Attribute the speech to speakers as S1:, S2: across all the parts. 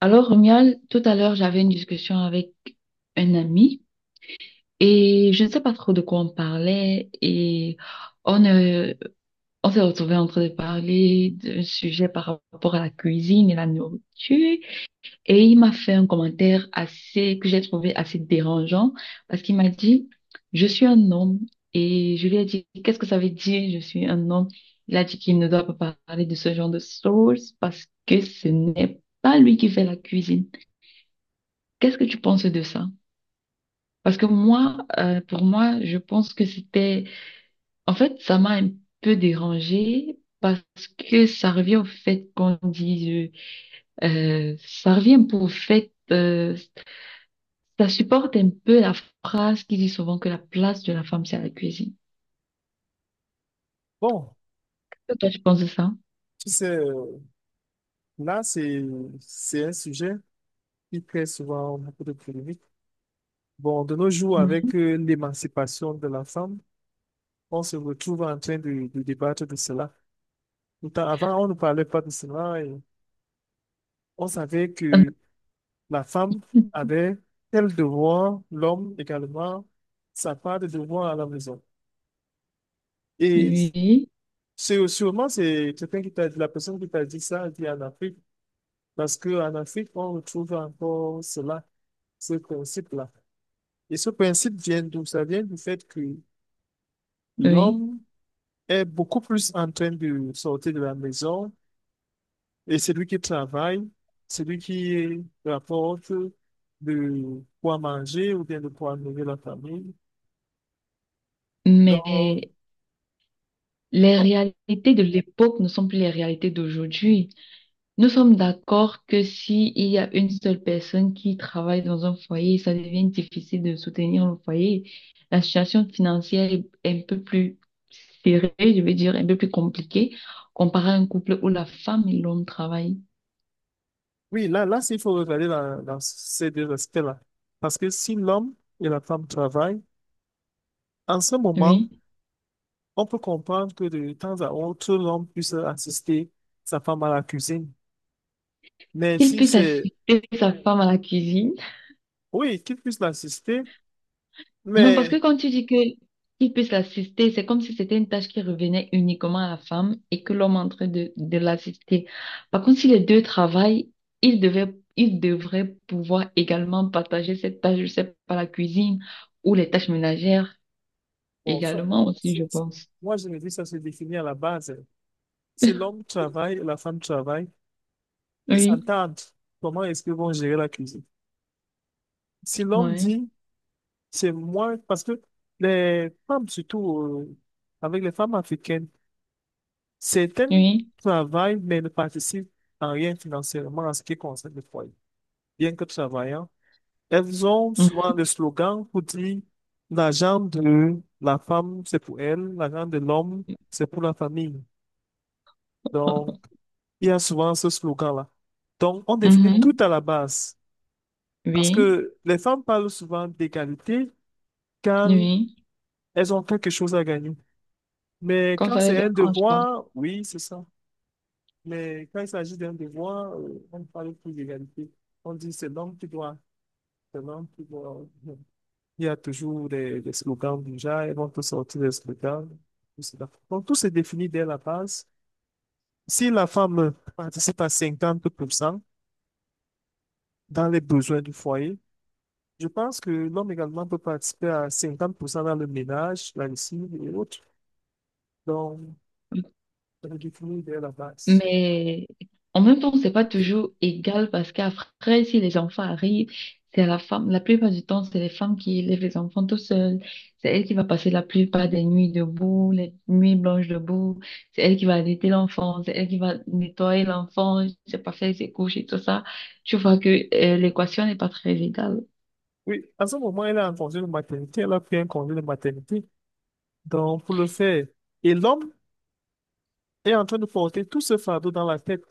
S1: Alors, Romuald, tout à l'heure, j'avais une discussion avec un ami et je ne sais pas trop de quoi on parlait et on, euh, on s'est retrouvé en train de parler d'un sujet par rapport à la cuisine et la nourriture et il m'a fait un commentaire assez, que j'ai trouvé assez dérangeant parce qu'il m'a dit, je suis un homme et je lui ai dit, qu'est-ce que ça veut dire, je suis un homme? Il a dit qu'il ne doit pas parler de ce genre de choses parce que ce n'est pas lui qui fait la cuisine. Qu'est-ce que tu penses de ça? Parce que pour moi, je pense que c'était... En fait, ça m'a un peu dérangée parce que ça revient au fait qu'on dise... ça revient un peu au fait... ça supporte un peu la phrase qui dit souvent que la place de la femme, c'est à la cuisine.
S2: Bon,
S1: Toi, tu penses de ça?
S2: tu sais, là, c'est un sujet qui crée souvent beaucoup de polémiques. Bon, de nos jours,
S1: Ouais.
S2: avec l'émancipation de la femme, on se retrouve en train de débattre de cela. Pourtant, avant, on ne parlait pas de cela et on savait que la femme avait tel devoir, l'homme également, sa part de devoir à la maison. Et
S1: Oui,
S2: c'est sûrement, c'est quelqu'un qui t'a dit, la personne qui t'a dit ça, elle dit en Afrique. Parce qu'en Afrique, on retrouve encore cela, ce principe-là. Et ce principe vient d'où? Ça vient du fait que
S1: oui.
S2: l'homme est beaucoup plus en train de sortir de la maison et c'est lui qui travaille, c'est lui qui rapporte de quoi manger ou bien de quoi nourrir la famille. Donc,
S1: Mais les
S2: bon,
S1: réalités de l'époque ne sont plus les réalités d'aujourd'hui. Nous sommes d'accord que si il y a une seule personne qui travaille dans un foyer, ça devient difficile de soutenir le foyer. La situation financière est un peu plus serrée, je veux dire, un peu plus compliquée comparé à un couple où la femme et l'homme travaillent.
S2: oui, là, il faut regarder dans ces deux aspects-là. Parce que si l'homme et la femme travaillent, en ce moment,
S1: Oui.
S2: on peut comprendre que de temps à autre, l'homme puisse assister sa femme à la cuisine. Mais
S1: Qu'il
S2: si
S1: puisse
S2: c'est,
S1: assister sa femme à la cuisine.
S2: oui, qu'il puisse l'assister,
S1: Non, parce que
S2: mais
S1: quand tu dis que qu'il puisse l'assister, c'est comme si c'était une tâche qui revenait uniquement à la femme et que l'homme est en train de l'assister. Par contre, si les deux travaillent, ils devraient pouvoir également partager cette tâche, je sais pas, la cuisine ou les tâches ménagères
S2: bon, ça,
S1: également aussi,
S2: c'est-
S1: je
S2: c'est-
S1: pense.
S2: moi je me dis ça se définit à la base. Si l'homme travaille et la femme travaille, ils
S1: Oui,
S2: s'entendent. Comment est-ce qu'ils vont gérer la cuisine? Si l'homme
S1: ouais,
S2: dit, c'est moi, parce que les femmes, surtout avec les femmes africaines, certaines
S1: oui,
S2: travaillent, mais ne participent en rien financièrement à ce qui concerne le foyer bien que travaillant. Elles ont
S1: mhm,
S2: souvent des slogans pour dire la jambe de la femme, c'est pour elle, la jambe de l'homme, c'est pour la famille. Donc, il y a souvent ce slogan-là. Donc, on définit tout
S1: mhm,
S2: à la base. Parce
S1: oui,
S2: que les femmes parlent souvent d'égalité quand
S1: oui.
S2: elles ont quelque chose à gagner. Mais
S1: Comme
S2: quand
S1: ça, les
S2: c'est un
S1: arrange quoi.
S2: devoir, oui, c'est ça. Mais quand il s'agit d'un devoir, on ne parle plus d'égalité. On dit c'est l'homme qui doit, c'est l'homme qui doit. Il y a toujours des slogans déjà, ils vont tous sortir des slogans. Tout cela. Donc, tout se définit dès la base. Si la femme participe à 50% dans les besoins du foyer, je pense que l'homme également peut participer à 50% dans le ménage, la lessive et autres. Donc, ça se définit dès la base.
S1: Mais en même temps, c'est pas toujours égal parce qu'après, si les enfants arrivent, c'est la femme, la plupart du temps, c'est les femmes qui élèvent les enfants tout seules. C'est elle qui va passer la plupart des nuits debout, les nuits blanches debout. C'est elle qui va allaiter l'enfant, c'est elle qui va nettoyer l'enfant, c'est pas faire ses couches et tout ça. Tu vois que l'équation n'est pas très égale.
S2: Oui, à ce moment, elle est en congé de maternité, elle a pris un congé de maternité. Donc, pour le faire, et l'homme est en train de porter tout ce fardeau dans la tête.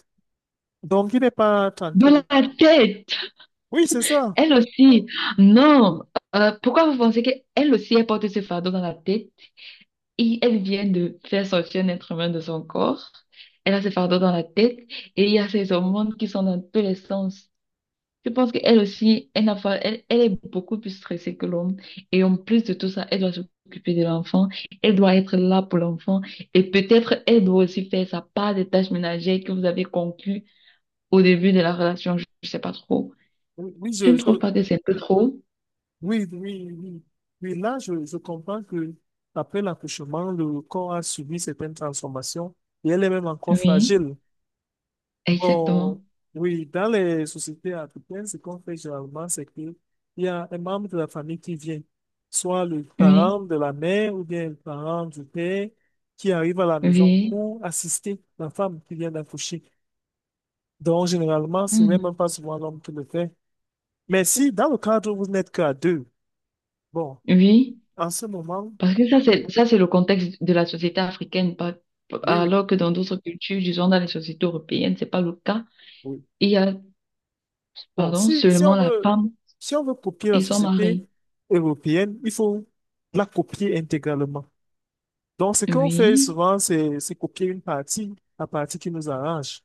S2: Donc, il n'est pas
S1: De
S2: tranquille.
S1: la tête,
S2: Oui, c'est ça.
S1: elle aussi. Non, pourquoi vous pensez qu'elle aussi, elle porte ce fardeau dans la tête? Et elle vient de faire sortir un être humain de son corps. Elle a ses fardeaux dans la tête et il y a ses hormones qui sont dans tous les sens. Je pense qu'elle aussi, elle n'a pas, elle, elle est beaucoup plus stressée que l'homme. Et en plus de tout ça, elle doit s'occuper de l'enfant. Elle doit être là pour l'enfant. Et peut-être, elle doit aussi faire sa part des tâches ménagères que vous avez conclues au début de la relation. Je ne sais pas trop.
S2: Oui, oui,
S1: Tu ne trouves pas que c'est un peu trop?
S2: oui, oui, oui. Oui, là, je comprends que après l'accouchement, le corps a subi certaines transformations et elle est même encore
S1: Oui,
S2: fragile.
S1: exactement.
S2: Bon, oui, dans les sociétés africaines, ce qu'on fait généralement, c'est qu'il y a un membre de la famille qui vient, soit le parent
S1: Oui,
S2: de la mère ou bien le parent du père qui arrive à la maison
S1: oui,
S2: pour assister la femme qui vient d'accoucher. Donc, généralement, ce n'est
S1: hmm,
S2: même pas souvent l'homme qui le fait. Mais si dans le cadre où vous n'êtes qu'à deux, bon.
S1: oui.
S2: En ce moment,
S1: Parce que ça, c'est le contexte de la société africaine, pas-
S2: oui, oui,
S1: alors que dans d'autres cultures, disons dans les sociétés européennes, c'est pas le cas.
S2: oui.
S1: Il y a,
S2: Bon,
S1: pardon,
S2: si
S1: seulement
S2: on
S1: la
S2: veut,
S1: femme
S2: si on veut copier la
S1: et son
S2: société
S1: mari.
S2: européenne, il faut la copier intégralement. Donc, ce qu'on fait
S1: Oui.
S2: souvent, c'est copier une partie, la partie qui nous arrange.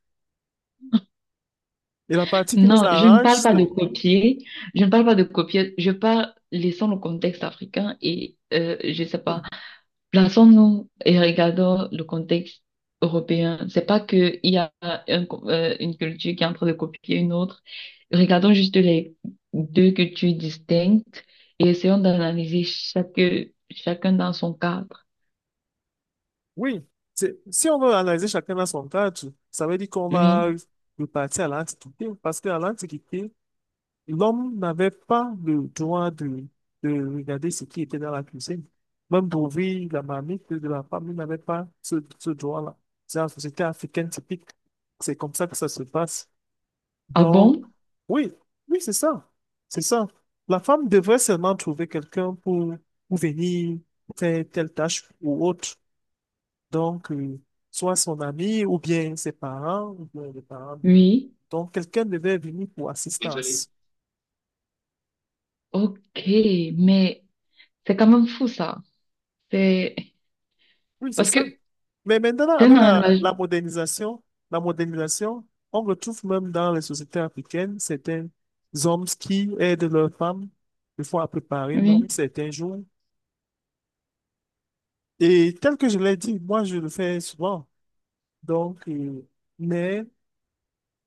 S2: Et la partie qui nous
S1: Non, je ne
S2: arrange,
S1: parle pas
S2: c'est,
S1: de copier. Je ne parle pas de copier. Je parle, laissant le contexte africain je sais pas. Plaçons-nous et regardons le contexte européen. C'est pas qu'il y a un une culture qui est en train de copier une autre. Regardons juste les deux cultures distinctes et essayons d'analyser chacun dans son cadre.
S2: oui, c'est, si on veut analyser chacun à son cadre, ça veut dire qu'on va
S1: Oui.
S2: repartir à l'Antiquité, parce qu'à l'Antiquité, l'homme n'avait pas le droit de regarder ce qui était dans la cuisine. Même d'ouvrir la marmite de la femme, il n'avait pas ce droit-là. C'est la société africaine typique. C'est comme ça que ça se passe.
S1: Ah
S2: Donc,
S1: bon?
S2: oui, oui, c'est ça. C'est ça. La femme devrait seulement trouver quelqu'un pour venir faire telle tâche ou autre. Donc, soit son ami, ou bien ses parents, ou bien les parents de...
S1: Oui.
S2: Donc, quelqu'un devait venir pour assistance.
S1: Ok. Mais c'est quand même fou ça. C'est
S2: Oui, c'est
S1: parce
S2: ça.
S1: que
S2: Mais maintenant,
S1: c'est un
S2: avec
S1: engagement.
S2: la modernisation, on retrouve même dans les sociétés africaines certains hommes qui aident leurs femmes, des fois à préparer
S1: Oui.
S2: même certains jours. Et tel que je l'ai dit, moi, je le fais souvent. Donc, mais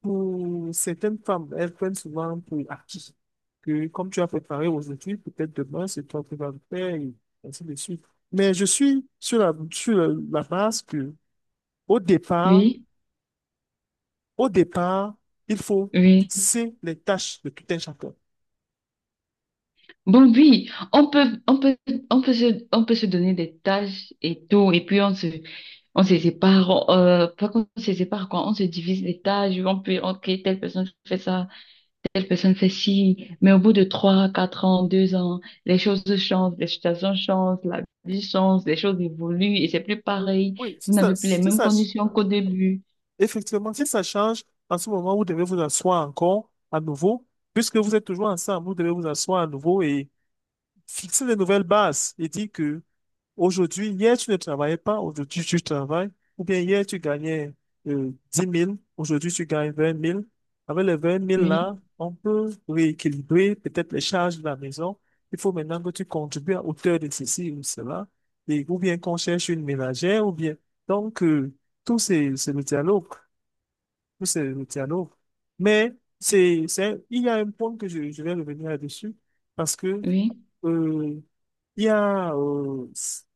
S2: pour certaines femmes, elles prennent souvent pour acquis que comme tu as préparé aujourd'hui, peut-être demain, c'est toi qui vas le faire, et ainsi de suite. Mais je suis sur la base que, au départ,
S1: Oui.
S2: au départ, il faut
S1: Oui.
S2: fixer les tâches de tout un chacun.
S1: Bon, oui, on peut se donner des tâches et tout, et puis on se sépare, pas qu'on se sépare, quoi, on se divise les tâches, on peut, ok, telle personne fait ça, telle personne fait ci, mais au bout de trois, quatre ans, deux ans, les choses changent, les situations changent, la vie change, les choses évoluent, et c'est plus pareil,
S2: Oui, si
S1: vous
S2: ça,
S1: n'avez plus les
S2: si
S1: mêmes
S2: ça,
S1: conditions qu'au début.
S2: effectivement, si ça change, en ce moment, vous devez vous asseoir encore à nouveau, puisque vous êtes toujours ensemble, vous devez vous asseoir à nouveau et fixer de nouvelles bases et dire que aujourd'hui, hier, tu ne travaillais pas, aujourd'hui, tu travailles, ou bien hier, tu gagnais 10 000, aujourd'hui, tu gagnes 20 000. Avec les 20 000 là,
S1: Oui,
S2: on peut rééquilibrer peut-être les charges de la maison. Il faut maintenant que tu contribues à hauteur de ceci ou cela, et, ou bien qu'on cherche une ménagère, ou bien. Donc, tout c'est le dialogue. Tout c'est le dialogue. Mais il y a un point que je vais revenir là-dessus, parce que
S1: oui,
S2: euh, il y a,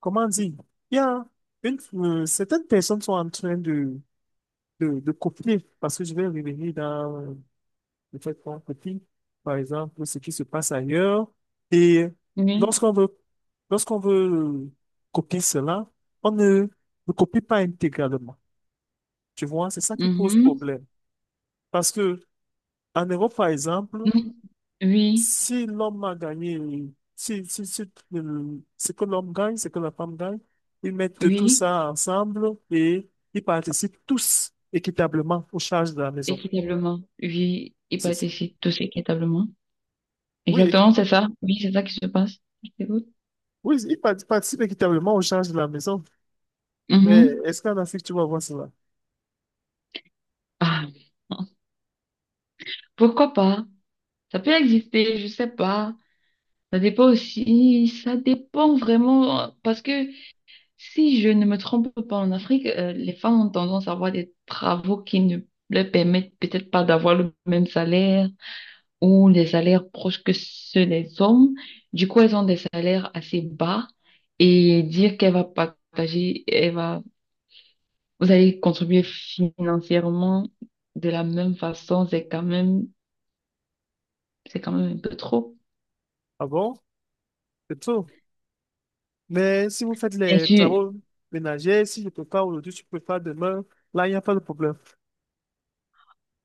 S2: comment dire, il y a certaines personnes sont en train de copier, parce que je vais revenir dans le fait qu'on copie, par exemple, ce qui se passe ailleurs. Et
S1: oui,
S2: lorsqu'on veut, lorsqu'on veut copier cela, on ne ne copie pas intégralement. Tu vois, c'est ça qui pose
S1: mhm,
S2: problème. Parce que en Europe, par exemple,
S1: mhm, oui,
S2: si l'homme a gagné, si ce que l'homme gagne, ce que la femme gagne, ils mettent tout
S1: oui.
S2: ça ensemble et ils participent tous équitablement aux charges de la maison.
S1: Équitablement, oui, et
S2: C'est ça.
S1: participe tous équitablement.
S2: Oui,
S1: Exactement, c'est ça. Oui, c'est ça qui se passe. Je t'écoute.
S2: oui, participent équitablement aux charges de la maison. Mais
S1: Mhm.
S2: est-ce qu'en Afrique, tu vas voir cela?
S1: Ah, pourquoi pas? Ça peut exister, je sais pas. Ça dépend aussi, ça dépend vraiment, parce que si je ne me trompe pas, en Afrique, les femmes ont tendance à avoir des travaux qui ne leur permettent peut-être pas d'avoir le même salaire ou des salaires proches que ceux des hommes. Du coup, elles ont des salaires assez bas et dire qu'elle va partager, elle va, vous allez contribuer financièrement de la même façon, c'est quand même un peu trop.
S2: Ah bon? C'est tout. Mais si vous faites
S1: Bien
S2: les
S1: sûr.
S2: travaux ménagers, si je prépare aujourd'hui, tu prépares demain, là, il n'y a pas de problème.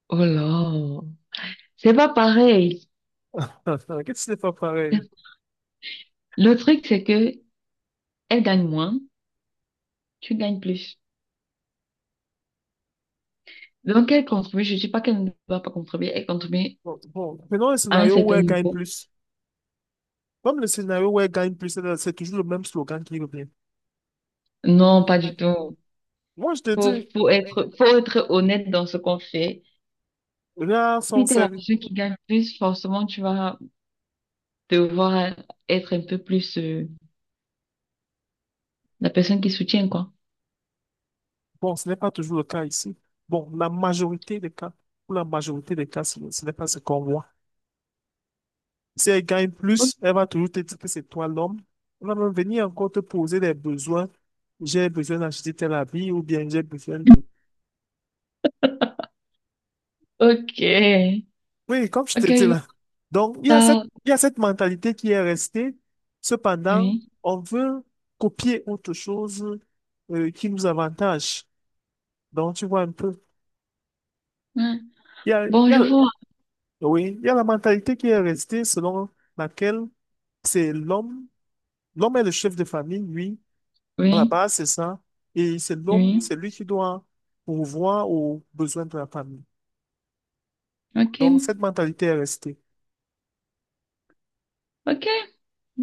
S1: Oh là, c'est pas pareil.
S2: Qu'est-ce que c'est pas pareil?
S1: Le truc, c'est que elle gagne moins, tu gagnes plus. Donc, elle contribue, je ne dis pas qu'elle ne va pas contribuer, elle contribue
S2: Bon, bon, prenons un
S1: à un
S2: scénario où
S1: certain
S2: elle gagne
S1: niveau.
S2: plus. Comme le scénario où elle gagne plus, elle- c'est toujours le même slogan qui revient.
S1: Non,
S2: Non,
S1: pas
S2: pas
S1: du
S2: du
S1: tout.
S2: tout. Moi, je te dis, ouais,
S1: Faut être honnête dans ce qu'on fait.
S2: là, sont
S1: Si t'es la
S2: sérieux.
S1: personne qui gagne plus, forcément, tu vas devoir être un peu plus la personne qui soutient, quoi.
S2: Bon, ce n'est pas toujours le cas ici. Bon, la majorité des cas, pour la majorité des cas, ce n'est pas ce qu'on voit. Si elle gagne
S1: Ok.
S2: plus, elle va toujours te dire que c'est toi l'homme. Elle va même venir encore te poser des besoins. J'ai besoin d'acheter tel habit ou bien j'ai besoin de
S1: Ok,
S2: oui, comme je te
S1: Ok,
S2: dis
S1: je vois
S2: là. Donc,
S1: ça.
S2: il y a cette mentalité qui est restée. Cependant,
S1: Oui.
S2: on veut copier autre chose qui nous avantage. Donc, tu vois un peu.
S1: Ouais.
S2: Il y a, il y
S1: Bon,
S2: a,
S1: je vois.
S2: oui, il y a la mentalité qui est restée selon laquelle c'est l'homme, l'homme est le chef de famille, lui. À la
S1: Oui.
S2: base, c'est ça. Et c'est l'homme,
S1: Oui.
S2: c'est lui qui doit pourvoir aux besoins de la famille.
S1: Ok.
S2: Donc, cette mentalité est restée.
S1: Ok.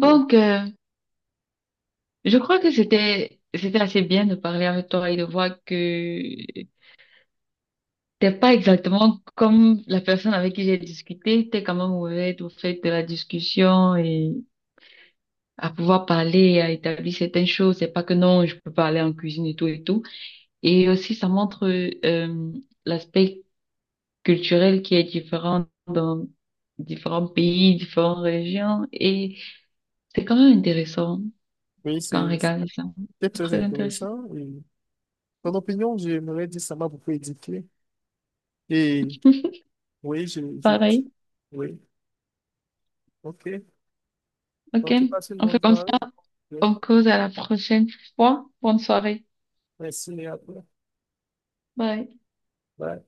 S2: Oui.
S1: euh, je crois que c'était assez bien de parler avec toi et de voir que t'es pas exactement comme la personne avec qui j'ai discuté. T'es quand même ouverte au fait de la discussion et à pouvoir parler, à établir certaines choses. C'est pas que non, je peux parler en cuisine et tout et tout. Et aussi, ça montre euh, l'aspect culturel qui est différent dans différents pays, différentes régions. Et c'est quand même intéressant
S2: Oui,
S1: quand on regarde ça.
S2: c'est
S1: C'est
S2: très
S1: très intéressant.
S2: intéressant. Et ton opinion, j'aimerais dire, ça m'a beaucoup édifié. Et oui,
S1: Pareil.
S2: oui, ok.
S1: OK.
S2: Donc, tu passes une
S1: On fait
S2: bonne
S1: comme
S2: soirée.
S1: ça.
S2: Oui.
S1: On cause à la prochaine fois. Bonne soirée.
S2: Merci, et à toi.
S1: Bye.
S2: Bye.